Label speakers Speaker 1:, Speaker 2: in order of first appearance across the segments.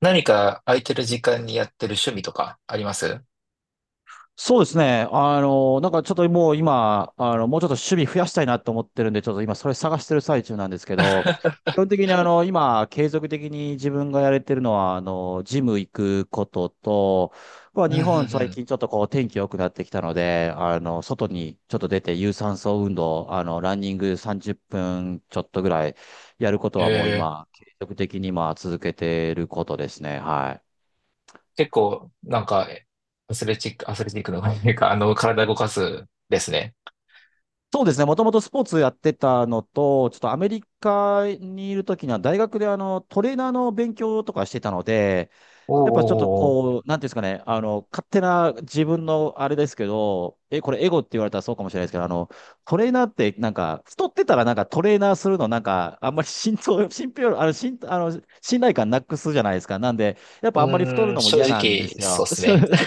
Speaker 1: 何か空いてる時間にやってる趣味とかあります？
Speaker 2: そうですね。ちょっともう今、もうちょっと守備増やしたいなと思ってるんで、ちょっと今それ探してる最中なんですけ ど、基本的に今、継続的に自分がやれてるのは、ジム行くことと、まあ、
Speaker 1: うん
Speaker 2: 日
Speaker 1: うん
Speaker 2: 本
Speaker 1: う
Speaker 2: 最
Speaker 1: ん。
Speaker 2: 近ちょっとこう天気良くなってきたので、外にちょっと出て有酸素運動、ランニング30分ちょっとぐらいやることはもう
Speaker 1: ええ
Speaker 2: 今、継続的にまあ続けてることですね。はい。
Speaker 1: 結構、アスレチックの、体動かすですね。
Speaker 2: そうですね。もともとスポーツやってたのと、ちょっとアメリカにいるときには大学でトレーナーの勉強とかしてたので、
Speaker 1: おうおう
Speaker 2: やっぱちょっと
Speaker 1: おうおう。
Speaker 2: こう、なんていうんですかね、勝手な自分のあれですけど、これエゴって言われたらそうかもしれないですけど、トレーナーってなんか、太ってたらなんかトレーナーするのなんか、あんまり信頼、信憑、あの、信、あの、信頼感なくすじゃないですか。なんで、やっ
Speaker 1: う
Speaker 2: ぱあんまり太
Speaker 1: ー
Speaker 2: る
Speaker 1: ん、
Speaker 2: のも
Speaker 1: 正
Speaker 2: 嫌なんで
Speaker 1: 直、
Speaker 2: す
Speaker 1: そうっ
Speaker 2: よ。
Speaker 1: すね。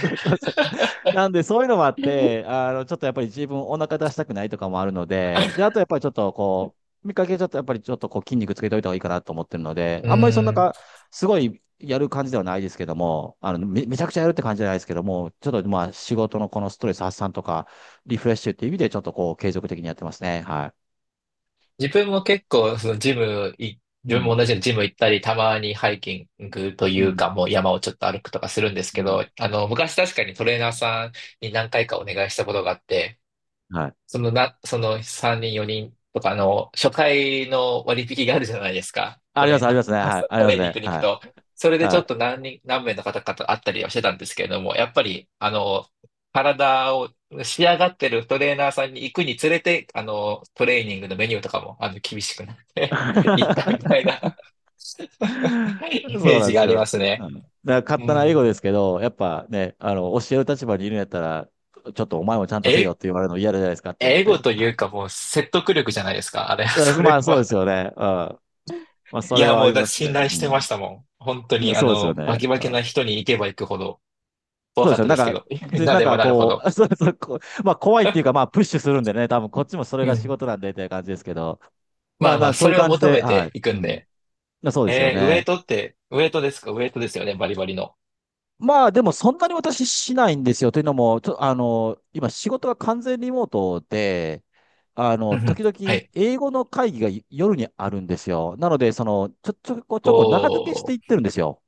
Speaker 2: なんで、そういうのもあっ て、ちょっとやっぱり自分お腹出したくないとかもあるので、で、あとやっぱりちょっとこう、見かけちょっとやっぱりちょっとこう筋肉つけといた方がいいかなと思ってるので、
Speaker 1: う
Speaker 2: あんまりそん
Speaker 1: ー
Speaker 2: な
Speaker 1: ん、
Speaker 2: か、すごいやる感じではないですけども、めちゃくちゃやるって感じじゃないですけども、ちょっとまあ仕事のこのストレス発散とか、リフレッシュっていう意味でちょっとこう継続的にやってますね。は
Speaker 1: 自分も結構、そのジムい、
Speaker 2: い。う
Speaker 1: 自分も
Speaker 2: ん。
Speaker 1: 同じようにジム行ったり、たまにハイキングとい
Speaker 2: う
Speaker 1: うか、
Speaker 2: ん。
Speaker 1: もう山をちょっと歩くとかするんです
Speaker 2: う
Speaker 1: けど、
Speaker 2: ん。
Speaker 1: 昔確かにトレーナーさんに何回かお願いしたことがあって、
Speaker 2: はい。
Speaker 1: そのな、その3人、4人とかの初回の割引があるじゃないですか。トレー
Speaker 2: あ
Speaker 1: ナ
Speaker 2: りますね。はい。
Speaker 1: ー、
Speaker 2: あ
Speaker 1: ト
Speaker 2: りま
Speaker 1: レ
Speaker 2: す
Speaker 1: ーニン
Speaker 2: ね。
Speaker 1: グに行く
Speaker 2: は
Speaker 1: と。
Speaker 2: い。
Speaker 1: それでち
Speaker 2: は
Speaker 1: ょっと
Speaker 2: い。
Speaker 1: 何名の方々と会ったりはしてたんですけれども、やっぱり、体を仕上がってるトレーナーさんに行くにつれて、トレーニングのメニューとかも、厳しくなって 行ったみた いな イメ
Speaker 2: そう
Speaker 1: ー
Speaker 2: なん
Speaker 1: ジ
Speaker 2: で
Speaker 1: があ
Speaker 2: す
Speaker 1: り
Speaker 2: よ。
Speaker 1: ます
Speaker 2: う
Speaker 1: ね。
Speaker 2: ん、だから勝
Speaker 1: う
Speaker 2: 手な英語
Speaker 1: ん。
Speaker 2: ですけど、やっぱね、教える立場にいるんやったら、ちょっとお前もちゃんとせよっ
Speaker 1: え、
Speaker 2: て言われるの嫌じゃないですかと思っ
Speaker 1: 英語
Speaker 2: て。
Speaker 1: というかもう説得力じゃないですか。あれ、
Speaker 2: だか
Speaker 1: そ
Speaker 2: らま
Speaker 1: れ
Speaker 2: あそうで
Speaker 1: は。
Speaker 2: すよね。うん。まあそ
Speaker 1: い
Speaker 2: れ
Speaker 1: や、
Speaker 2: はあ
Speaker 1: もう
Speaker 2: り
Speaker 1: だ、
Speaker 2: ますね。
Speaker 1: 信頼してましたもん。本当
Speaker 2: う
Speaker 1: に、
Speaker 2: ん。そうですよ
Speaker 1: バ
Speaker 2: ね。
Speaker 1: キバ
Speaker 2: う
Speaker 1: キな
Speaker 2: ん、
Speaker 1: 人に行けば行くほど怖
Speaker 2: そうで
Speaker 1: か
Speaker 2: す
Speaker 1: っ
Speaker 2: よ。
Speaker 1: たですけど、
Speaker 2: で、
Speaker 1: な
Speaker 2: なん
Speaker 1: れば
Speaker 2: か
Speaker 1: なるほ
Speaker 2: こ
Speaker 1: ど。
Speaker 2: う、そうそう、こうまあ怖いっていうか、まあプッシュするんでね、多分こっちもそれ
Speaker 1: う
Speaker 2: が仕
Speaker 1: ん。
Speaker 2: 事なんでっていう感じですけど、
Speaker 1: ま
Speaker 2: まあ
Speaker 1: あまあ、
Speaker 2: な、そ
Speaker 1: そ
Speaker 2: ういう
Speaker 1: れを
Speaker 2: 感じ
Speaker 1: 求
Speaker 2: で、
Speaker 1: め
Speaker 2: は
Speaker 1: ていく
Speaker 2: い。う
Speaker 1: んで。
Speaker 2: ん。そうですよ
Speaker 1: えー、
Speaker 2: ね。
Speaker 1: ウエイトですか？ウエイトですよね、バリバリの。
Speaker 2: まあでもそんなに私しないんですよ。というのも、ちょ、あの、今仕事が完全リモートで、
Speaker 1: うんうん。
Speaker 2: 時々
Speaker 1: はい。
Speaker 2: 英語の会議が夜にあるんですよ。なので、ちょこちょこ中抜けし
Speaker 1: こ
Speaker 2: ていってるんですよ。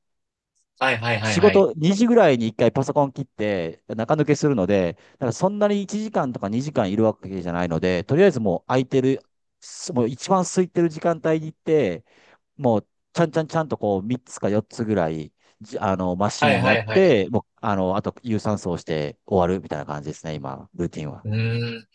Speaker 1: う、はいはいはい
Speaker 2: 仕
Speaker 1: はい。
Speaker 2: 事2時ぐらいに1回パソコン切って中抜けするので、だからそんなに1時間とか2時間いるわけじゃないので、とりあえずもう空いてる、すもう一番空いてる時間帯に行って、もうちゃんとこう3つか4つぐらい、じあの、マシ
Speaker 1: はい
Speaker 2: ン
Speaker 1: は
Speaker 2: やっ
Speaker 1: いはい。
Speaker 2: て、もう、あの、あと有酸素をして終わるみたいな感じですね、今、ルーティンは。
Speaker 1: うーん。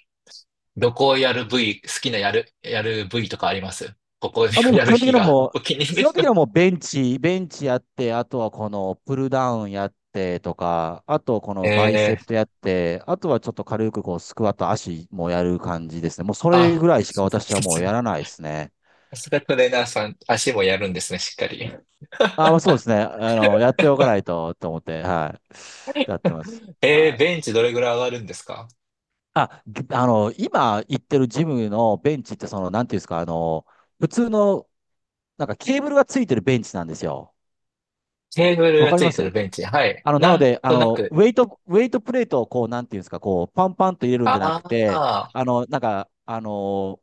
Speaker 1: どこをやる部位、好きなやる、やる部位とかあります？ここを
Speaker 2: あ、もう
Speaker 1: や
Speaker 2: 基
Speaker 1: る
Speaker 2: 本的
Speaker 1: 日
Speaker 2: には
Speaker 1: が
Speaker 2: もう、
Speaker 1: お気に入りで
Speaker 2: 基本
Speaker 1: す。
Speaker 2: 的にはもうベンチやって、あとはこのプルダウンやってとか、あとこのバイ
Speaker 1: え
Speaker 2: セプ
Speaker 1: ー、
Speaker 2: トやって、あとはちょっと軽くこうスクワット、足もやる感じですね。もうそれ
Speaker 1: あ、
Speaker 2: ぐらいしか私は
Speaker 1: さ
Speaker 2: もう
Speaker 1: す
Speaker 2: や
Speaker 1: が、
Speaker 2: らないですね。
Speaker 1: さすがトレーナーさん、足もやるんですね、しっかり。
Speaker 2: あ、まあそうですね。やっておかないとと思って、はい。やってます。
Speaker 1: え
Speaker 2: は
Speaker 1: ー、ベ
Speaker 2: い。
Speaker 1: ンチどれぐらい上がるんですか？
Speaker 2: あ、ぎあの、今行ってるジムのベンチって、その、なんていうんですか、あの、普通の、なんかケーブルがついてるベンチなんですよ。
Speaker 1: テーブル
Speaker 2: わ
Speaker 1: が
Speaker 2: かり
Speaker 1: つい
Speaker 2: ま
Speaker 1: てる
Speaker 2: す。
Speaker 1: ベンチ。はい。
Speaker 2: あの、なの
Speaker 1: なん
Speaker 2: で、あ
Speaker 1: とな
Speaker 2: の、
Speaker 1: く、
Speaker 2: ウェイト、ウェイトプレートをこう、なんていうんですか、こう、パンパンと入れるんじゃな
Speaker 1: あ
Speaker 2: くて、
Speaker 1: あ、
Speaker 2: あの、なんか、あの、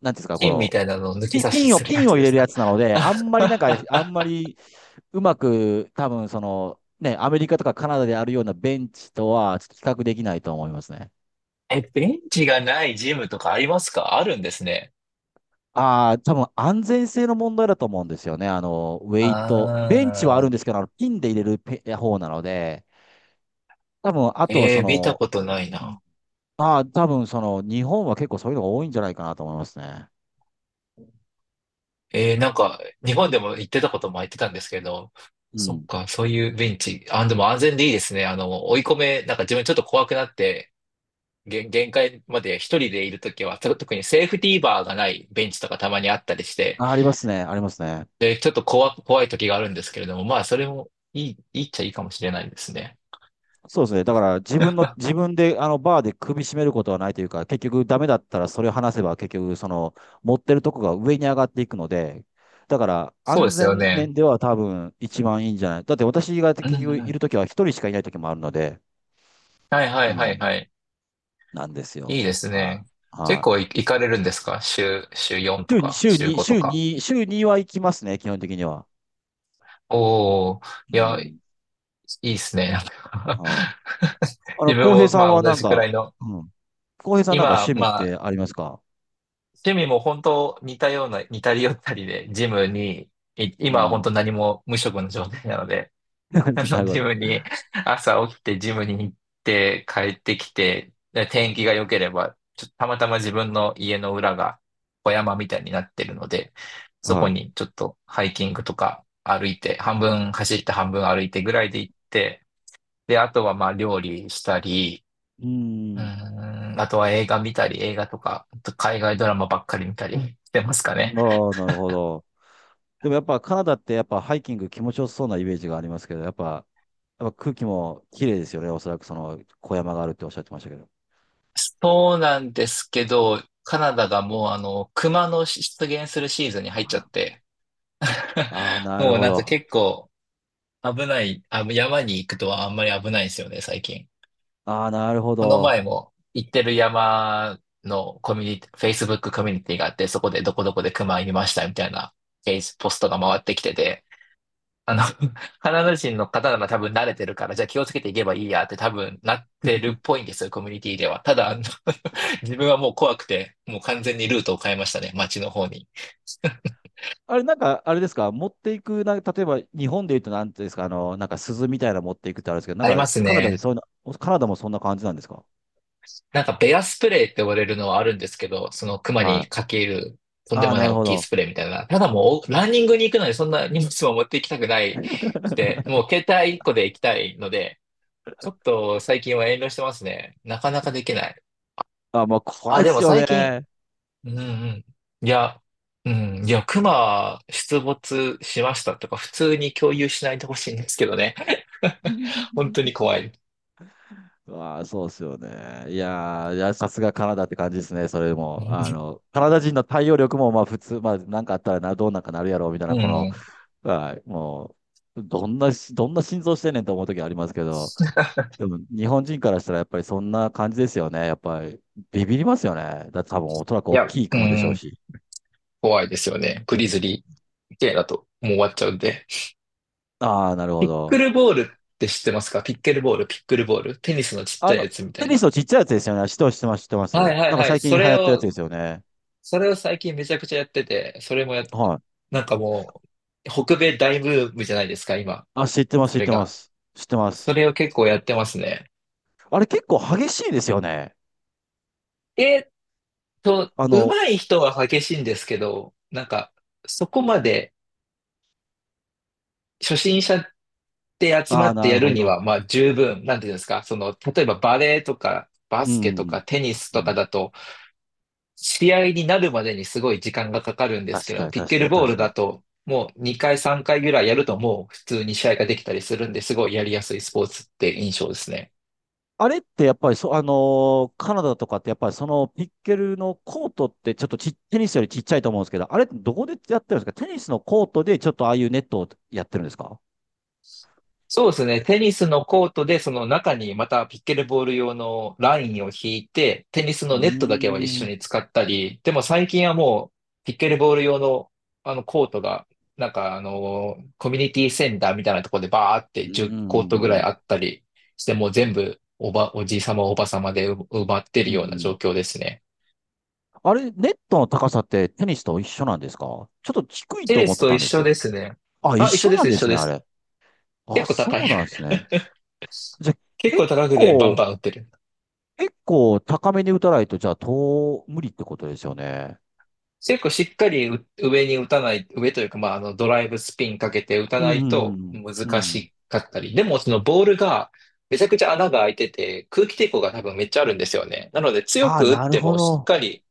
Speaker 2: なんていうんですか、こ
Speaker 1: 金み
Speaker 2: の、
Speaker 1: たいなのを抜き
Speaker 2: ピ
Speaker 1: 差し
Speaker 2: ピンを、
Speaker 1: する
Speaker 2: ピ
Speaker 1: や
Speaker 2: ン
Speaker 1: つ
Speaker 2: を入
Speaker 1: で
Speaker 2: れ
Speaker 1: す
Speaker 2: るや
Speaker 1: か。
Speaker 2: つなので、あんまりなんか、あんま りうまく、多分その、ね、アメリカとかカナダであるようなベンチとは、ちょっと比較できないと思いますね。
Speaker 1: え、ベンチがないジムとかあります？かあるんですね。
Speaker 2: ああ、多分安全性の問題だと思うんですよね。あの、ウェ
Speaker 1: あ
Speaker 2: イト。ベンチはあるんです
Speaker 1: あ、
Speaker 2: けど、あのピンで入れるペ方なので、多分、あとは
Speaker 1: え
Speaker 2: そ
Speaker 1: ー、見た
Speaker 2: の、
Speaker 1: ことないな。
Speaker 2: ああ、多分その日本は結構そういうのが多いんじゃないかなと思いますね。
Speaker 1: えー、なんか、日本でも行ってたことも言ってたんですけど、
Speaker 2: う
Speaker 1: そっ
Speaker 2: ん。
Speaker 1: か、そういうベンチ。あ、でも安全でいいですね。あの、追い込め、なんか自分ちょっと怖くなって、限界まで一人でいるときは、特にセーフティーバーがないベンチとかたまにあったりして、
Speaker 2: あ、ありますね。ありますね。
Speaker 1: で、ちょっと怖、怖いときがあるんですけれども、まあ、それもいい、いいっちゃいいかもしれないですね。
Speaker 2: そうですね。だから自分の、自分であのバーで首絞めることはないというか、結局ダメだったらそれを話せば結局その持ってるとこが上に上がっていくので、だから
Speaker 1: そう
Speaker 2: 安
Speaker 1: ですよ
Speaker 2: 全
Speaker 1: ね。
Speaker 2: 面では多分一番いいんじゃない。だって私が
Speaker 1: うん
Speaker 2: 結局
Speaker 1: う
Speaker 2: い
Speaker 1: ん。
Speaker 2: るときは一人しかいないときもあるので、
Speaker 1: はいは
Speaker 2: う
Speaker 1: いはい
Speaker 2: ん。
Speaker 1: はい。
Speaker 2: なんです
Speaker 1: いいで
Speaker 2: よ。
Speaker 1: す
Speaker 2: は
Speaker 1: ね。
Speaker 2: い。
Speaker 1: 結
Speaker 2: はい。
Speaker 1: 構い行かれるんですか？週、週4とか、週5とか。
Speaker 2: 週には行きますね、基本的には。
Speaker 1: おー、
Speaker 2: う
Speaker 1: いや、い
Speaker 2: ん。
Speaker 1: いですね。
Speaker 2: はい。
Speaker 1: 自分
Speaker 2: 浩平
Speaker 1: も
Speaker 2: さ
Speaker 1: ま
Speaker 2: ん
Speaker 1: あ
Speaker 2: は
Speaker 1: 同
Speaker 2: なん
Speaker 1: じくら
Speaker 2: か、
Speaker 1: いの、
Speaker 2: うん。浩平さんなんか
Speaker 1: 今、
Speaker 2: 趣味っ
Speaker 1: まあ
Speaker 2: てありますか？
Speaker 1: 趣味も本当似たような、似たり寄ったりで、ジムに、い
Speaker 2: う
Speaker 1: 今は本
Speaker 2: ん。
Speaker 1: 当何も無職の状態なので、あ
Speaker 2: な
Speaker 1: の、
Speaker 2: るほ
Speaker 1: ジ
Speaker 2: ど。
Speaker 1: ムに、朝起きてジムに行って帰ってきて、で天気が良ければ、ちょっとたまたま自分の家の裏が小山みたいになってるので、そこ
Speaker 2: は
Speaker 1: にちょっとハイキングとか歩いて、半分走って半分歩いてぐらいで行って、で、あとはまあ料理したり、
Speaker 2: い。う
Speaker 1: う
Speaker 2: ん。
Speaker 1: ーん、あとは映画見たり、映画とか、あと海外ドラマばっかり見たりしてますかね。
Speaker 2: ああ、なるほど。でもやっぱカナダってやっぱハイキング気持ちよさそうなイメージがありますけど、やっぱ空気も綺麗ですよね。おそらくその小山があるっておっしゃってましたけど。
Speaker 1: そうなんですけど、カナダがもう熊の出現するシーズンに入っちゃって、
Speaker 2: ああ、なる
Speaker 1: もう
Speaker 2: ほ
Speaker 1: なんか
Speaker 2: ど。
Speaker 1: 結構危ない、あ、山に行くとはあんまり危ないんですよね、最近。
Speaker 2: ああ、なるほ
Speaker 1: この前
Speaker 2: ど。
Speaker 1: も行ってる山のコミュニティ、Facebook コミュニティがあって、そこでどこどこで熊いましたみたいな、ページポストが回ってきてて、あの、カナダ人の方なら多分慣れてるから、じゃあ気をつけていけばいいやって多分なってるっぽ いんですよ、コミュニティでは。ただ、あの 自分はもう怖くて、もう完全にルートを変えましたね、街の方に。
Speaker 2: あれ、なんか、あれですか？持っていく、例えば日本で言うとなんていうんですか？あの、なんか鈴みたいなの持っていくってあるんですけど、な
Speaker 1: あり
Speaker 2: ん
Speaker 1: ま
Speaker 2: か
Speaker 1: す
Speaker 2: カナダで
Speaker 1: ね。
Speaker 2: そういうの、カナダもそんな感じなんですか？
Speaker 1: なんかベアスプレーって呼ばれるのはあるんですけど、その熊
Speaker 2: は
Speaker 1: にか
Speaker 2: い。
Speaker 1: けるとんで
Speaker 2: ああ、
Speaker 1: もな
Speaker 2: な
Speaker 1: い
Speaker 2: る
Speaker 1: 大
Speaker 2: ほ
Speaker 1: きい
Speaker 2: ど。
Speaker 1: スプレーみたいな。ただもうランニングに行くのにそんな荷物も持って行きたくないくて、もう携帯1個で行きたいので、ちょっと最近は遠慮してますね。なかなかできない。
Speaker 2: あ、まあ、怖
Speaker 1: あ、
Speaker 2: いっ
Speaker 1: でも
Speaker 2: すよ
Speaker 1: 最近
Speaker 2: ね。
Speaker 1: うんうん。いや、熊出没しましたとか、普通に共有しないでほしいんですけどね。本当 に怖い。
Speaker 2: まあ、そうっすよね。いやー、いや、さすがカナダって感じですね、それも。あの、カナダ人の対応力も、まあ、普通、まあ、なんかあったらな、どうなんかなるやろ、みたい
Speaker 1: う
Speaker 2: な、この、
Speaker 1: ん。
Speaker 2: はい、もう、どんなし、どんな心臓してんねんと思う時ありますけど、でも、日本人からしたら、やっぱりそんな感じですよね。やっぱり、ビビりますよね。だって多分、おそらく
Speaker 1: い
Speaker 2: 大
Speaker 1: や、
Speaker 2: きい
Speaker 1: う
Speaker 2: 雲でしょう
Speaker 1: ん。
Speaker 2: し。
Speaker 1: 怖いですよね。グリズリー系だともう終わっちゃうんで。
Speaker 2: ああ、なる
Speaker 1: ピ
Speaker 2: ほ
Speaker 1: ック
Speaker 2: ど。
Speaker 1: ルボールって知ってますか？ピックルボール。テニスのちっち
Speaker 2: あ
Speaker 1: ゃい
Speaker 2: の、
Speaker 1: やつみた
Speaker 2: テ
Speaker 1: い
Speaker 2: ニス
Speaker 1: な。
Speaker 2: のちっちゃいやつですよね。知ってます、知ってます、知ってま
Speaker 1: は
Speaker 2: す。
Speaker 1: いはい
Speaker 2: なんか
Speaker 1: はい。
Speaker 2: 最近流行ってるやつですよね。
Speaker 1: それを最近めちゃくちゃやってて、それもや、
Speaker 2: はい。
Speaker 1: なんかもう、北米大ブームじゃないですか、今。
Speaker 2: あ、知ってます、
Speaker 1: そ
Speaker 2: 知っ
Speaker 1: れ
Speaker 2: てま
Speaker 1: が。
Speaker 2: す。知ってま
Speaker 1: そ
Speaker 2: す。
Speaker 1: れを結構やってますね。
Speaker 2: あれ結構激しいですよね。
Speaker 1: えーっと、
Speaker 2: あ
Speaker 1: 上
Speaker 2: の、
Speaker 1: 手い人は激しいんですけど、なんか、そこまで初心者って集ま
Speaker 2: ああ、
Speaker 1: って
Speaker 2: な
Speaker 1: や
Speaker 2: る
Speaker 1: る
Speaker 2: ほ
Speaker 1: に
Speaker 2: ど。
Speaker 1: は、まあ十分、なんていうんですか、その、例えばバレーとか、バ
Speaker 2: う
Speaker 1: スケとか
Speaker 2: ん。
Speaker 1: テニス
Speaker 2: う
Speaker 1: とか
Speaker 2: ん。
Speaker 1: だと、試合になるまでにすごい時間がかかるんですけ
Speaker 2: 確か
Speaker 1: ど、
Speaker 2: に、
Speaker 1: ピッ
Speaker 2: 確
Speaker 1: ケ
Speaker 2: か
Speaker 1: ル
Speaker 2: に、
Speaker 1: ボー
Speaker 2: 確
Speaker 1: ル
Speaker 2: か
Speaker 1: だ
Speaker 2: に。
Speaker 1: と、もう2回3回ぐらいやるともう普通に試合ができたりするんで、すごいやりやすいスポーツって印象ですね。
Speaker 2: あれってやっぱりそ、あのーカナダとかってやっぱりそのピッケルのコートってちょっとち、テニスよりちっちゃいと思うんですけど、あれってどこでやってるんですか？テニスのコートでちょっとああいうネットをやってるんですか？
Speaker 1: そうですね。テニスのコートで、その中にまたピッケルボール用のラインを引いて、テニス
Speaker 2: う
Speaker 1: の
Speaker 2: ー
Speaker 1: ネットだけは一
Speaker 2: ん。
Speaker 1: 緒
Speaker 2: う
Speaker 1: に使ったり、でも最近はもう、ピッケルボール用の、あのコートが、なんかあの、コミュニティセンターみたいなところでバーって
Speaker 2: ー
Speaker 1: 10コートぐらいあ
Speaker 2: ん。
Speaker 1: ったりして、もう全部おじいさまおばさまで埋まってる
Speaker 2: う
Speaker 1: ような状
Speaker 2: ん。
Speaker 1: 況ですね。
Speaker 2: あれ、ネットの高さってテニスと一緒なんですか？ちょっと低い
Speaker 1: テ
Speaker 2: と
Speaker 1: ニ
Speaker 2: 思っ
Speaker 1: ス
Speaker 2: て
Speaker 1: と
Speaker 2: た
Speaker 1: 一
Speaker 2: んです
Speaker 1: 緒
Speaker 2: けど。
Speaker 1: ですね。
Speaker 2: あ、一
Speaker 1: あ、
Speaker 2: 緒なん
Speaker 1: 一
Speaker 2: で
Speaker 1: 緒
Speaker 2: すね、
Speaker 1: で
Speaker 2: あ
Speaker 1: す。
Speaker 2: れ。あ、
Speaker 1: 結構高い。
Speaker 2: そうなんですね。じゃあ、
Speaker 1: 結構
Speaker 2: 結
Speaker 1: 高くでバン
Speaker 2: 構、
Speaker 1: バン打ってる。
Speaker 2: 結構高めに打たないと、じゃあ、無理ってことですよね。
Speaker 1: 結構しっかりう上に打たない、上というか、まあ、あの、ドライブスピンかけて打た
Speaker 2: う
Speaker 1: ない
Speaker 2: ん、
Speaker 1: と
Speaker 2: うん、う
Speaker 1: 難
Speaker 2: ん。
Speaker 1: しかったり、でもそのボールがめちゃくちゃ穴が開いてて、空気抵抗が多分めっちゃあるんですよね。なので強
Speaker 2: ああ、
Speaker 1: く打っ
Speaker 2: なる
Speaker 1: て
Speaker 2: ほ
Speaker 1: もしっ
Speaker 2: ど。
Speaker 1: かり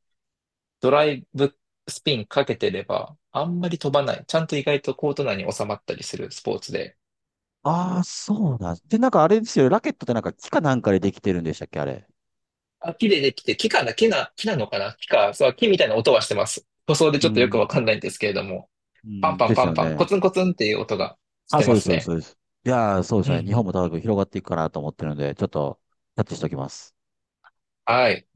Speaker 1: ドライブスピンかけてれば、あんまり飛ばない。ちゃんと意外とコート内に収まったりするスポーツで。
Speaker 2: ああ、そうなんで、なんかあれですよ。ラケットってなんか木かなんかでできてるんでしたっけ、あれ。
Speaker 1: あ、木でできて、木かな、木な、木なのかな木か、そう、木みたいな音はしてます。塗装でち
Speaker 2: う
Speaker 1: ょっとよく
Speaker 2: ん。
Speaker 1: わかんないんですけれども、
Speaker 2: う
Speaker 1: パン
Speaker 2: ん。
Speaker 1: パン
Speaker 2: で
Speaker 1: パ
Speaker 2: す
Speaker 1: ン
Speaker 2: よ
Speaker 1: パン、コ
Speaker 2: ね。
Speaker 1: ツンコツンっていう音がし
Speaker 2: あ、
Speaker 1: て
Speaker 2: そ
Speaker 1: ま
Speaker 2: うです、
Speaker 1: す
Speaker 2: そうです、
Speaker 1: ね。
Speaker 2: そうです。いやー、そうで
Speaker 1: う
Speaker 2: すね。日本
Speaker 1: ん
Speaker 2: も多分広がっていくかなと思ってるので、ちょっと、キャッチしておきます。
Speaker 1: はい。